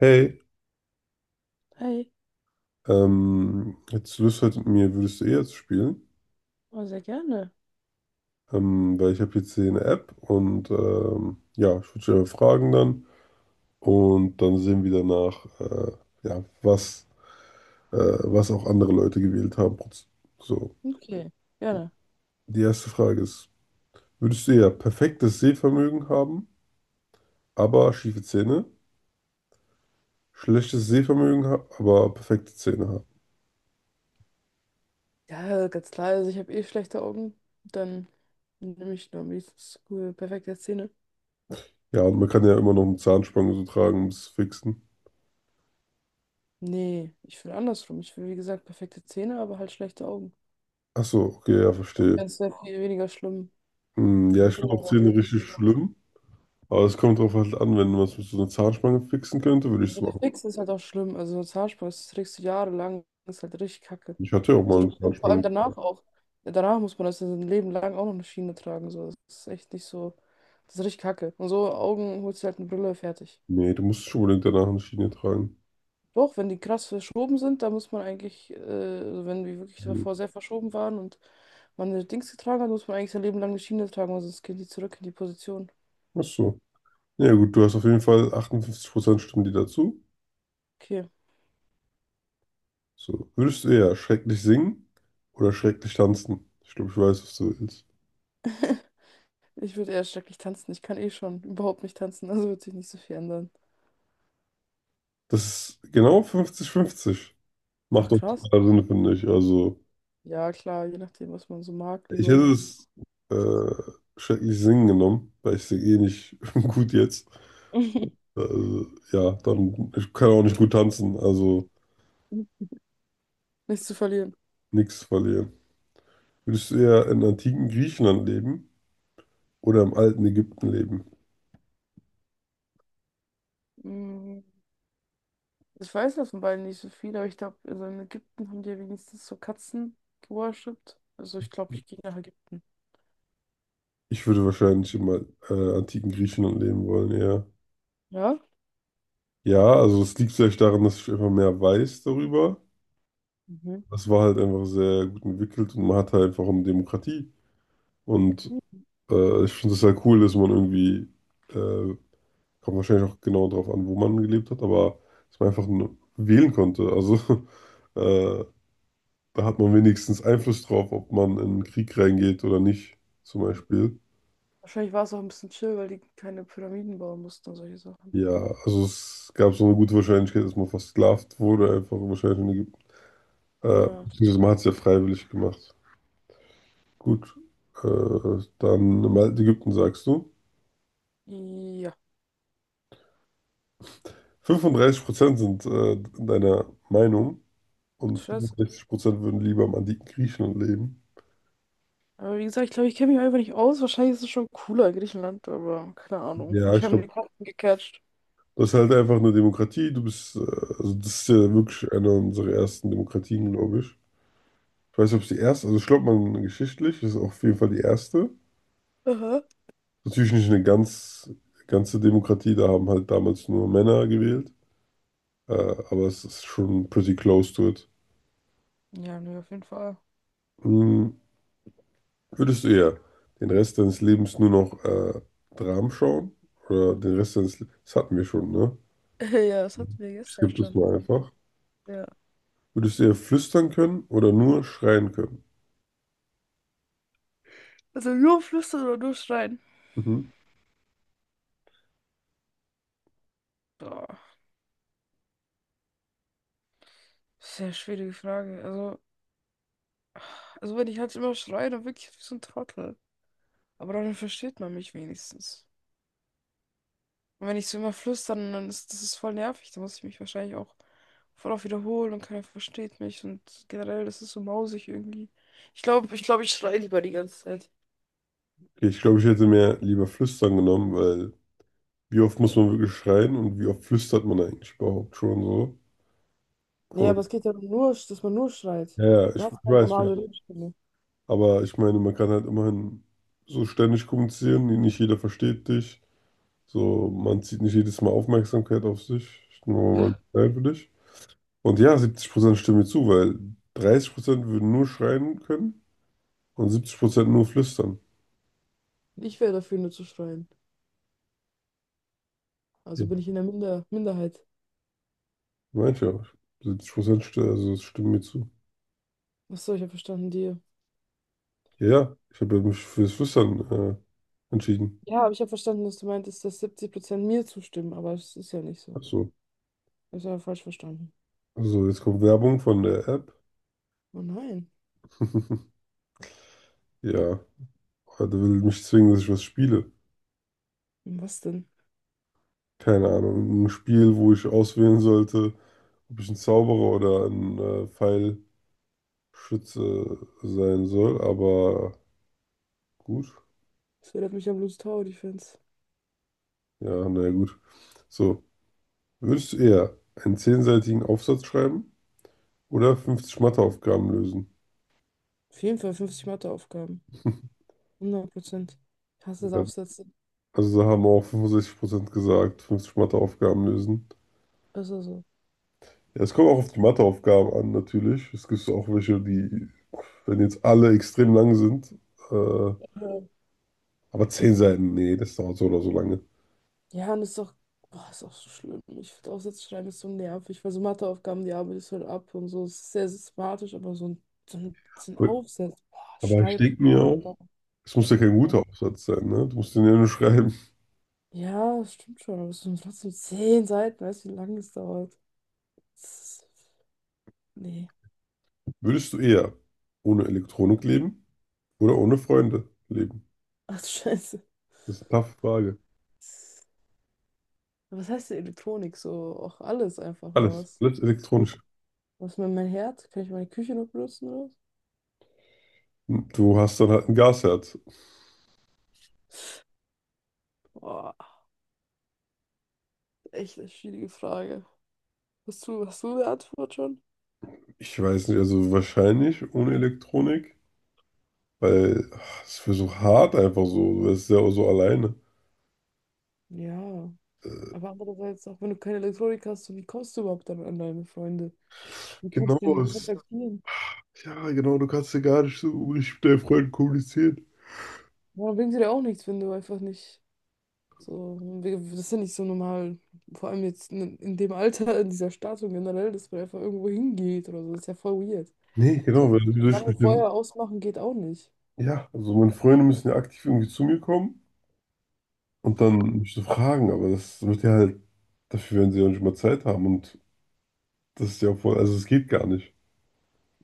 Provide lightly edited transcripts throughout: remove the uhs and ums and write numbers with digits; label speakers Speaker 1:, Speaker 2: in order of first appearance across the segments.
Speaker 1: Hey,
Speaker 2: Hey,
Speaker 1: hättest du Lust heute mit mir, würdest du eh jetzt spielen?
Speaker 2: oh, sehr gerne.
Speaker 1: Weil ich habe jetzt hier eine App und ja, ich würde dich einfach fragen dann und dann sehen wir danach, ja, was, was auch andere Leute gewählt haben. So,
Speaker 2: Okay, gerne.
Speaker 1: die erste Frage ist, würdest du eher perfektes Sehvermögen haben, aber schiefe Zähne? Schlechtes Sehvermögen, ha aber perfekte Zähne haben?
Speaker 2: Ja, ganz klar, also ich habe eh schlechte Augen. Dann nehme ich nur am liebsten cool, perfekte Zähne.
Speaker 1: Ja, und man kann ja immer noch eine Zahnspange so tragen, um es zu fixen.
Speaker 2: Nee, ich will andersrum. Ich will, wie gesagt, perfekte Zähne, aber halt schlechte Augen.
Speaker 1: Ach so, okay, ja,
Speaker 2: Auch
Speaker 1: verstehe.
Speaker 2: wenn es sehr viel weniger schlimm.
Speaker 1: Hm, ja,
Speaker 2: Eine
Speaker 1: ich
Speaker 2: Brille
Speaker 1: finde auch
Speaker 2: oder so
Speaker 1: Zähne
Speaker 2: bist
Speaker 1: richtig
Speaker 2: du da.
Speaker 1: schlimm. Aber es kommt drauf halt an, wenn man es mit so einer Zahnspange fixen könnte, würde ich
Speaker 2: Ja,
Speaker 1: es
Speaker 2: der
Speaker 1: machen.
Speaker 2: Fix ist halt auch schlimm. Also so Zahnspange, das trägst du jahrelang, das ist halt richtig kacke.
Speaker 1: Ich hatte ja auch
Speaker 2: Also,
Speaker 1: mal eine
Speaker 2: und vor allem
Speaker 1: Zahnspange.
Speaker 2: danach auch. Ja, danach muss man das ein Leben lang auch noch eine Schiene tragen. So. Das ist echt nicht so. Das ist richtig kacke. Und so Augen holst du halt eine Brille fertig.
Speaker 1: Nee, du musst schon unbedingt danach eine Schiene tragen.
Speaker 2: Doch, wenn die krass verschoben sind, da muss man eigentlich, also wenn die wirklich
Speaker 1: Hm.
Speaker 2: davor sehr verschoben waren und man eine Dings getragen hat, muss man eigentlich sein Leben lang eine Schiene tragen, weil sonst gehen die zurück in die Position.
Speaker 1: Ach so. Ja gut, du hast auf jeden Fall 58% Stimmen die dazu.
Speaker 2: Okay.
Speaker 1: So, würdest du eher schrecklich singen oder schrecklich tanzen? Ich glaube, ich weiß, was du willst.
Speaker 2: Ich würde eher schrecklich tanzen. Ich kann eh schon überhaupt nicht tanzen, also wird sich nicht so viel ändern.
Speaker 1: Das ist genau 50-50.
Speaker 2: Ach
Speaker 1: Macht doch
Speaker 2: krass.
Speaker 1: total Sinn, finde ich. Also,
Speaker 2: Ja, klar, je nachdem, was man so mag,
Speaker 1: ich
Speaker 2: lieber.
Speaker 1: hätte es äh, schrecklich singen genommen, weil ich singe eh nicht gut jetzt. Also, ja, dann ich kann auch nicht gut tanzen, also
Speaker 2: Nichts zu verlieren.
Speaker 1: nichts verlieren. Würdest du eher in antiken Griechenland leben oder im alten Ägypten leben?
Speaker 2: Mm, Ich weiß ja von beiden nicht so viel, aber ich glaube, also in Ägypten haben die ja wenigstens so Katzen geworshipped. Also ich glaube, ich gehe nach Ägypten.
Speaker 1: Ich würde wahrscheinlich im antiken Griechenland leben wollen, ja.
Speaker 2: Ja?
Speaker 1: Ja, also es liegt vielleicht daran, dass ich einfach mehr weiß darüber.
Speaker 2: Mhm.
Speaker 1: Es war halt einfach sehr gut entwickelt und man hatte einfach eine Demokratie. Und ich finde es halt cool, dass man irgendwie, äh, kommt wahrscheinlich auch genau darauf an, wo man gelebt hat, aber dass man einfach wählen konnte. Also äh, da hat man wenigstens Einfluss drauf, ob man in den Krieg reingeht oder nicht, zum Beispiel.
Speaker 2: Wahrscheinlich war es auch ein bisschen chill, weil die keine Pyramiden bauen mussten und solche Sachen.
Speaker 1: Ja, also es gab so eine gute Wahrscheinlichkeit, dass man versklavt wurde, einfach wahrscheinlich in Ägypten.
Speaker 2: Ja.
Speaker 1: Beziehungsweise man hat es ja freiwillig gemacht. Gut, dann im alten Ägypten sagst du.
Speaker 2: Ja,
Speaker 1: 35% sind deiner Meinung
Speaker 2: ach
Speaker 1: und
Speaker 2: Scheiße.
Speaker 1: 65% würden lieber im antiken Griechenland leben.
Speaker 2: Aber wie gesagt, ich glaube, ich kenne mich einfach nicht aus. Wahrscheinlich ist es schon cooler in Griechenland, aber keine Ahnung.
Speaker 1: Ja,
Speaker 2: Mich
Speaker 1: ich
Speaker 2: haben
Speaker 1: glaube,
Speaker 2: die Karten gecatcht.
Speaker 1: das ist halt einfach eine Demokratie. Du bist, also das ist ja wirklich eine unserer ersten Demokratien, glaube ich. Ich weiß nicht, ob es die erste, also ich glaube, man geschichtlich ist auf jeden Fall die erste.
Speaker 2: Aha.
Speaker 1: Natürlich nicht eine ganze Demokratie, da haben halt damals nur Männer gewählt, aber es ist schon pretty close to it.
Speaker 2: Ja, nee, auf jeden Fall.
Speaker 1: Hm, würdest du eher den Rest deines Lebens nur noch Dramen schauen? Oder den Rest deines Lebens, das hatten wir schon, ne?
Speaker 2: Ja, das hatten wir
Speaker 1: Ich
Speaker 2: gestern
Speaker 1: skippe das
Speaker 2: schon
Speaker 1: mal
Speaker 2: tatsächlich.
Speaker 1: einfach.
Speaker 2: Ja.
Speaker 1: Würdest du eher flüstern können oder nur schreien können?
Speaker 2: Also nur flüstern oder nur schreien?
Speaker 1: Mhm.
Speaker 2: Boah, sehr schwierige Frage. Also, wenn ich halt immer schreie, dann wirklich wie so ein Trottel. Aber dann versteht man mich wenigstens. Und wenn ich so immer flüstern, dann ist das ist voll nervig. Da muss ich mich wahrscheinlich auch voll oft wiederholen und keiner versteht mich. Und generell, das ist so mausig irgendwie. Ich glaube, ich schreie lieber die ganze Zeit.
Speaker 1: Okay, ich glaube, ich hätte mir lieber flüstern genommen, weil wie oft muss man wirklich schreien und wie oft flüstert man eigentlich überhaupt schon so?
Speaker 2: Nee, aber
Speaker 1: Und
Speaker 2: es geht ja nur, dass man nur schreit.
Speaker 1: ja, ja,
Speaker 2: Du
Speaker 1: ich
Speaker 2: hast keine
Speaker 1: weiß ja.
Speaker 2: normale Redstimme.
Speaker 1: Aber ich meine, man kann halt immerhin so ständig kommunizieren, nicht jeder versteht dich. So, man zieht nicht jedes Mal Aufmerksamkeit auf sich. Ich nehme mal einen Teil für dich. Und ja, 70% stimmen mir zu, weil 30% würden nur schreien können und 70% nur flüstern.
Speaker 2: Ich wäre dafür, nur zu schreien. Also bin
Speaker 1: Ja,
Speaker 2: ich in der Minderheit.
Speaker 1: meinte ich ja. 70% st also es stimmen mir zu.
Speaker 2: Achso, ich habe verstanden, dir.
Speaker 1: Ja, ja, ich habe ja mich fürs Flüstern entschieden.
Speaker 2: Ja, aber ich habe verstanden, dass du meintest, dass 70% mir zustimmen, aber es ist ja nicht so.
Speaker 1: Achso.
Speaker 2: Ich habe falsch verstanden.
Speaker 1: So, jetzt kommt Werbung von der App.
Speaker 2: Oh nein.
Speaker 1: Ja, aber der will mich zwingen, dass ich was spiele.
Speaker 2: Was denn?
Speaker 1: Keine Ahnung, ein Spiel, wo ich auswählen sollte, ob ich ein Zauberer oder ein Pfeilschütze sein soll. Aber gut,
Speaker 2: Das erinnert mich an Blues Tower Defense.
Speaker 1: ja, naja, gut. So, würdest du eher einen zehnseitigen Aufsatz schreiben oder 50 Matheaufgaben lösen?
Speaker 2: Auf jeden Fall 50 Matheaufgaben. 100%. Ich hasse das
Speaker 1: Ja,
Speaker 2: Aufsätze. Ist
Speaker 1: also da haben auch 65% gesagt, 50 Matheaufgaben lösen.
Speaker 2: ja so.
Speaker 1: Ja, es kommt auch auf die Matheaufgaben an, natürlich. Es gibt auch welche, die, wenn jetzt alle extrem lang sind, äh,
Speaker 2: Mhm.
Speaker 1: aber 10 Seiten, nee, das dauert so oder so lange.
Speaker 2: Ja, und boah, ist auch so schlimm. Ich finde Aufsätze schreiben ist so nervig, weil so Matheaufgaben, die arbeitest du halt ab und so. Es ist sehr systematisch, aber so ein
Speaker 1: Gut.
Speaker 2: Aufsatz, boah,
Speaker 1: Aber ich denke mir
Speaker 2: Schreibplan.
Speaker 1: auch,
Speaker 2: Da,
Speaker 1: es muss ja kein
Speaker 2: da.
Speaker 1: guter Aufsatz sein, ne? Du musst den ja nur schreiben.
Speaker 2: Ja, das stimmt schon, aber es sind trotzdem 10 Seiten. Weißt du, wie lange es dauert? Das ist, nee.
Speaker 1: Würdest du eher ohne Elektronik leben oder ohne Freunde leben?
Speaker 2: Ach, du Scheiße.
Speaker 1: Das ist eine taffe Frage.
Speaker 2: Aber was heißt denn Elektronik? So, auch alles einfach, oder
Speaker 1: Alles,
Speaker 2: was?
Speaker 1: alles elektronisch.
Speaker 2: Was mit meinem Herd? Kann ich meine Küche noch benutzen?
Speaker 1: Du hast dann halt ein Gasherd.
Speaker 2: Boah, echt eine schwierige Frage. Hast du eine Antwort schon?
Speaker 1: Ich weiß nicht, also wahrscheinlich ohne Elektronik, weil ach, es wäre so hart einfach so. Du wärst ja auch so alleine.
Speaker 2: Ja, aber andererseits, auch wenn du keine Elektronik hast, so wie kommst du überhaupt dann an deine Freunde? Wie
Speaker 1: Genau,
Speaker 2: kannst du ihn
Speaker 1: es,
Speaker 2: kontaktieren?
Speaker 1: ja, genau, du kannst ja gar nicht so richtig mit deinen Freunden kommunizieren.
Speaker 2: Ja, bringt dir ja auch nichts, wenn du einfach nicht so, das ist ja nicht so normal, vor allem jetzt in dem Alter, in dieser Stadt und generell, dass man einfach irgendwo hingeht oder so, das ist ja voll weird.
Speaker 1: Nee, genau,
Speaker 2: So,
Speaker 1: weil wie
Speaker 2: so
Speaker 1: soll ich
Speaker 2: lange
Speaker 1: mit den,
Speaker 2: vorher ausmachen geht auch nicht.
Speaker 1: ja, also meine Freunde müssen ja aktiv irgendwie zu mir kommen und dann mich so fragen, aber das wird ja halt, dafür werden sie ja nicht mal Zeit haben und das ist ja voll, also es geht gar nicht.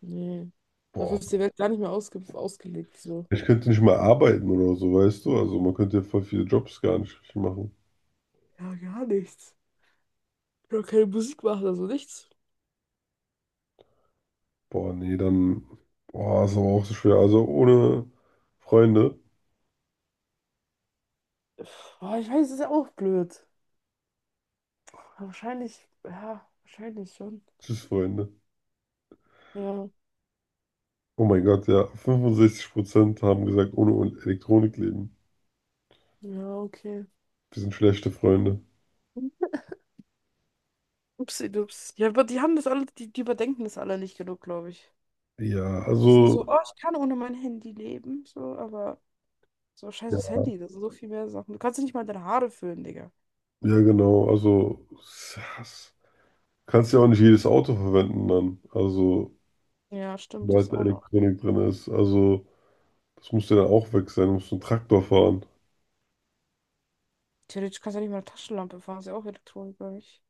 Speaker 2: Nee, dafür
Speaker 1: Boah,
Speaker 2: ist die Welt gar nicht mehr ausgelegt, so.
Speaker 1: ich könnte nicht mal arbeiten oder so, weißt du, also man könnte ja voll viele Jobs gar nicht richtig machen.
Speaker 2: Ja, gar nichts. Ich kann keine Musik machen, also nichts.
Speaker 1: Boah, nee, dann, boah, ist aber auch so schwer, also ohne Freunde,
Speaker 2: Boah, ich weiß, es ist ja auch blöd. Wahrscheinlich, ja, wahrscheinlich schon.
Speaker 1: tschüss Freunde.
Speaker 2: Ja,
Speaker 1: Oh mein Gott, ja. 65% haben gesagt, ohne Elektronik leben.
Speaker 2: ja, okay.
Speaker 1: Wir sind schlechte Freunde.
Speaker 2: Upsi-dups. Ja, aber die haben das alle, die überdenken das alle nicht genug, glaube ich.
Speaker 1: Ja,
Speaker 2: Die sind so,
Speaker 1: also,
Speaker 2: oh, ich kann ohne mein Handy leben, so, aber so scheiß aufs
Speaker 1: ja,
Speaker 2: Handy, das sind so viel mehr Sachen. Du kannst ja nicht mal deine Haare föhnen, Digga.
Speaker 1: ja genau. Also, kannst ja auch nicht jedes Auto verwenden dann. Also,
Speaker 2: Ja, stimmt,
Speaker 1: sobald
Speaker 2: das
Speaker 1: da
Speaker 2: auch noch.
Speaker 1: Elektronik drin ist. Also, das muss ja dann auch weg sein. Du musst einen Traktor fahren.
Speaker 2: Theoretisch kannst du ja nicht mal eine Taschenlampe fahren, ist ja auch Elektronik, glaube ich.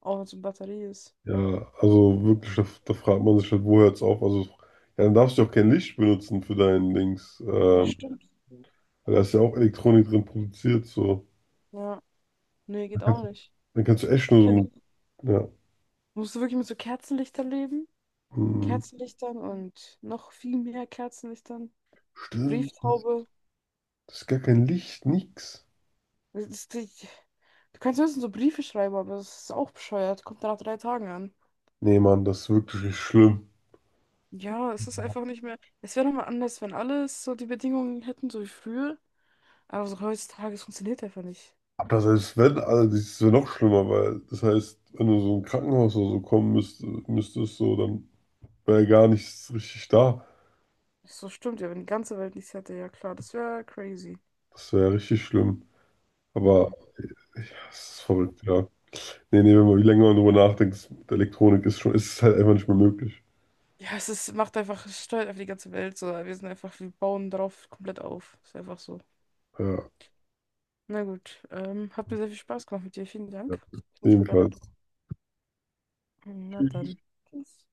Speaker 2: Auch wenn es eine Batterie ist.
Speaker 1: Ja, also wirklich, da fragt man sich halt, wo hört's auf? Also, ja, dann darfst du ja auch kein Licht benutzen für deinen Dings.
Speaker 2: Ja, stimmt.
Speaker 1: Weil da ist ja auch Elektronik drin produziert, so.
Speaker 2: Ja, nee, geht auch nicht.
Speaker 1: Dann kannst du echt nur so
Speaker 2: Okay.
Speaker 1: mit, ja.
Speaker 2: Musst du wirklich mit so Kerzenlichtern leben?
Speaker 1: Mm.
Speaker 2: Kerzenlichtern und noch viel mehr Kerzenlichtern.
Speaker 1: Stimmt.
Speaker 2: Brieftaube.
Speaker 1: Das ist gar kein Licht, nix.
Speaker 2: Das ist die, du kannst höchstens so Briefe schreiben, aber das ist auch bescheuert. Kommt dann nach 3 Tagen an.
Speaker 1: Nee, Mann, das ist wirklich richtig schlimm.
Speaker 2: Ja, es ist einfach nicht mehr. Es wäre nochmal anders, wenn alles so die Bedingungen hätten, so wie früher. Aber so heutzutage, es funktioniert einfach nicht.
Speaker 1: Aber das heißt, wenn, also das ist ja noch schlimmer, weil das heißt, wenn du so ein Krankenhaus oder so kommen müsstest, so, dann wäre ja gar nichts richtig da.
Speaker 2: So stimmt ja, wenn die ganze Welt nichts hätte, ja klar, das wäre crazy.
Speaker 1: Das wäre ja richtig schlimm. Aber
Speaker 2: Ja.
Speaker 1: ja, es ist verrückt, ja. Nee, nee, wenn man wie länger man drüber nachdenkt, mit Elektronik ist schon, ist es halt einfach nicht mehr möglich.
Speaker 2: Ja, es ist, macht einfach, es steuert einfach die ganze Welt so. Wir sind einfach, wir bauen darauf komplett auf. Ist einfach so.
Speaker 1: Ja,
Speaker 2: Na gut, hat mir sehr viel Spaß gemacht mit dir. Vielen
Speaker 1: ja.
Speaker 2: Dank. Ich muss jetzt leider.
Speaker 1: Jedenfalls.
Speaker 2: Na dann. Tschüss.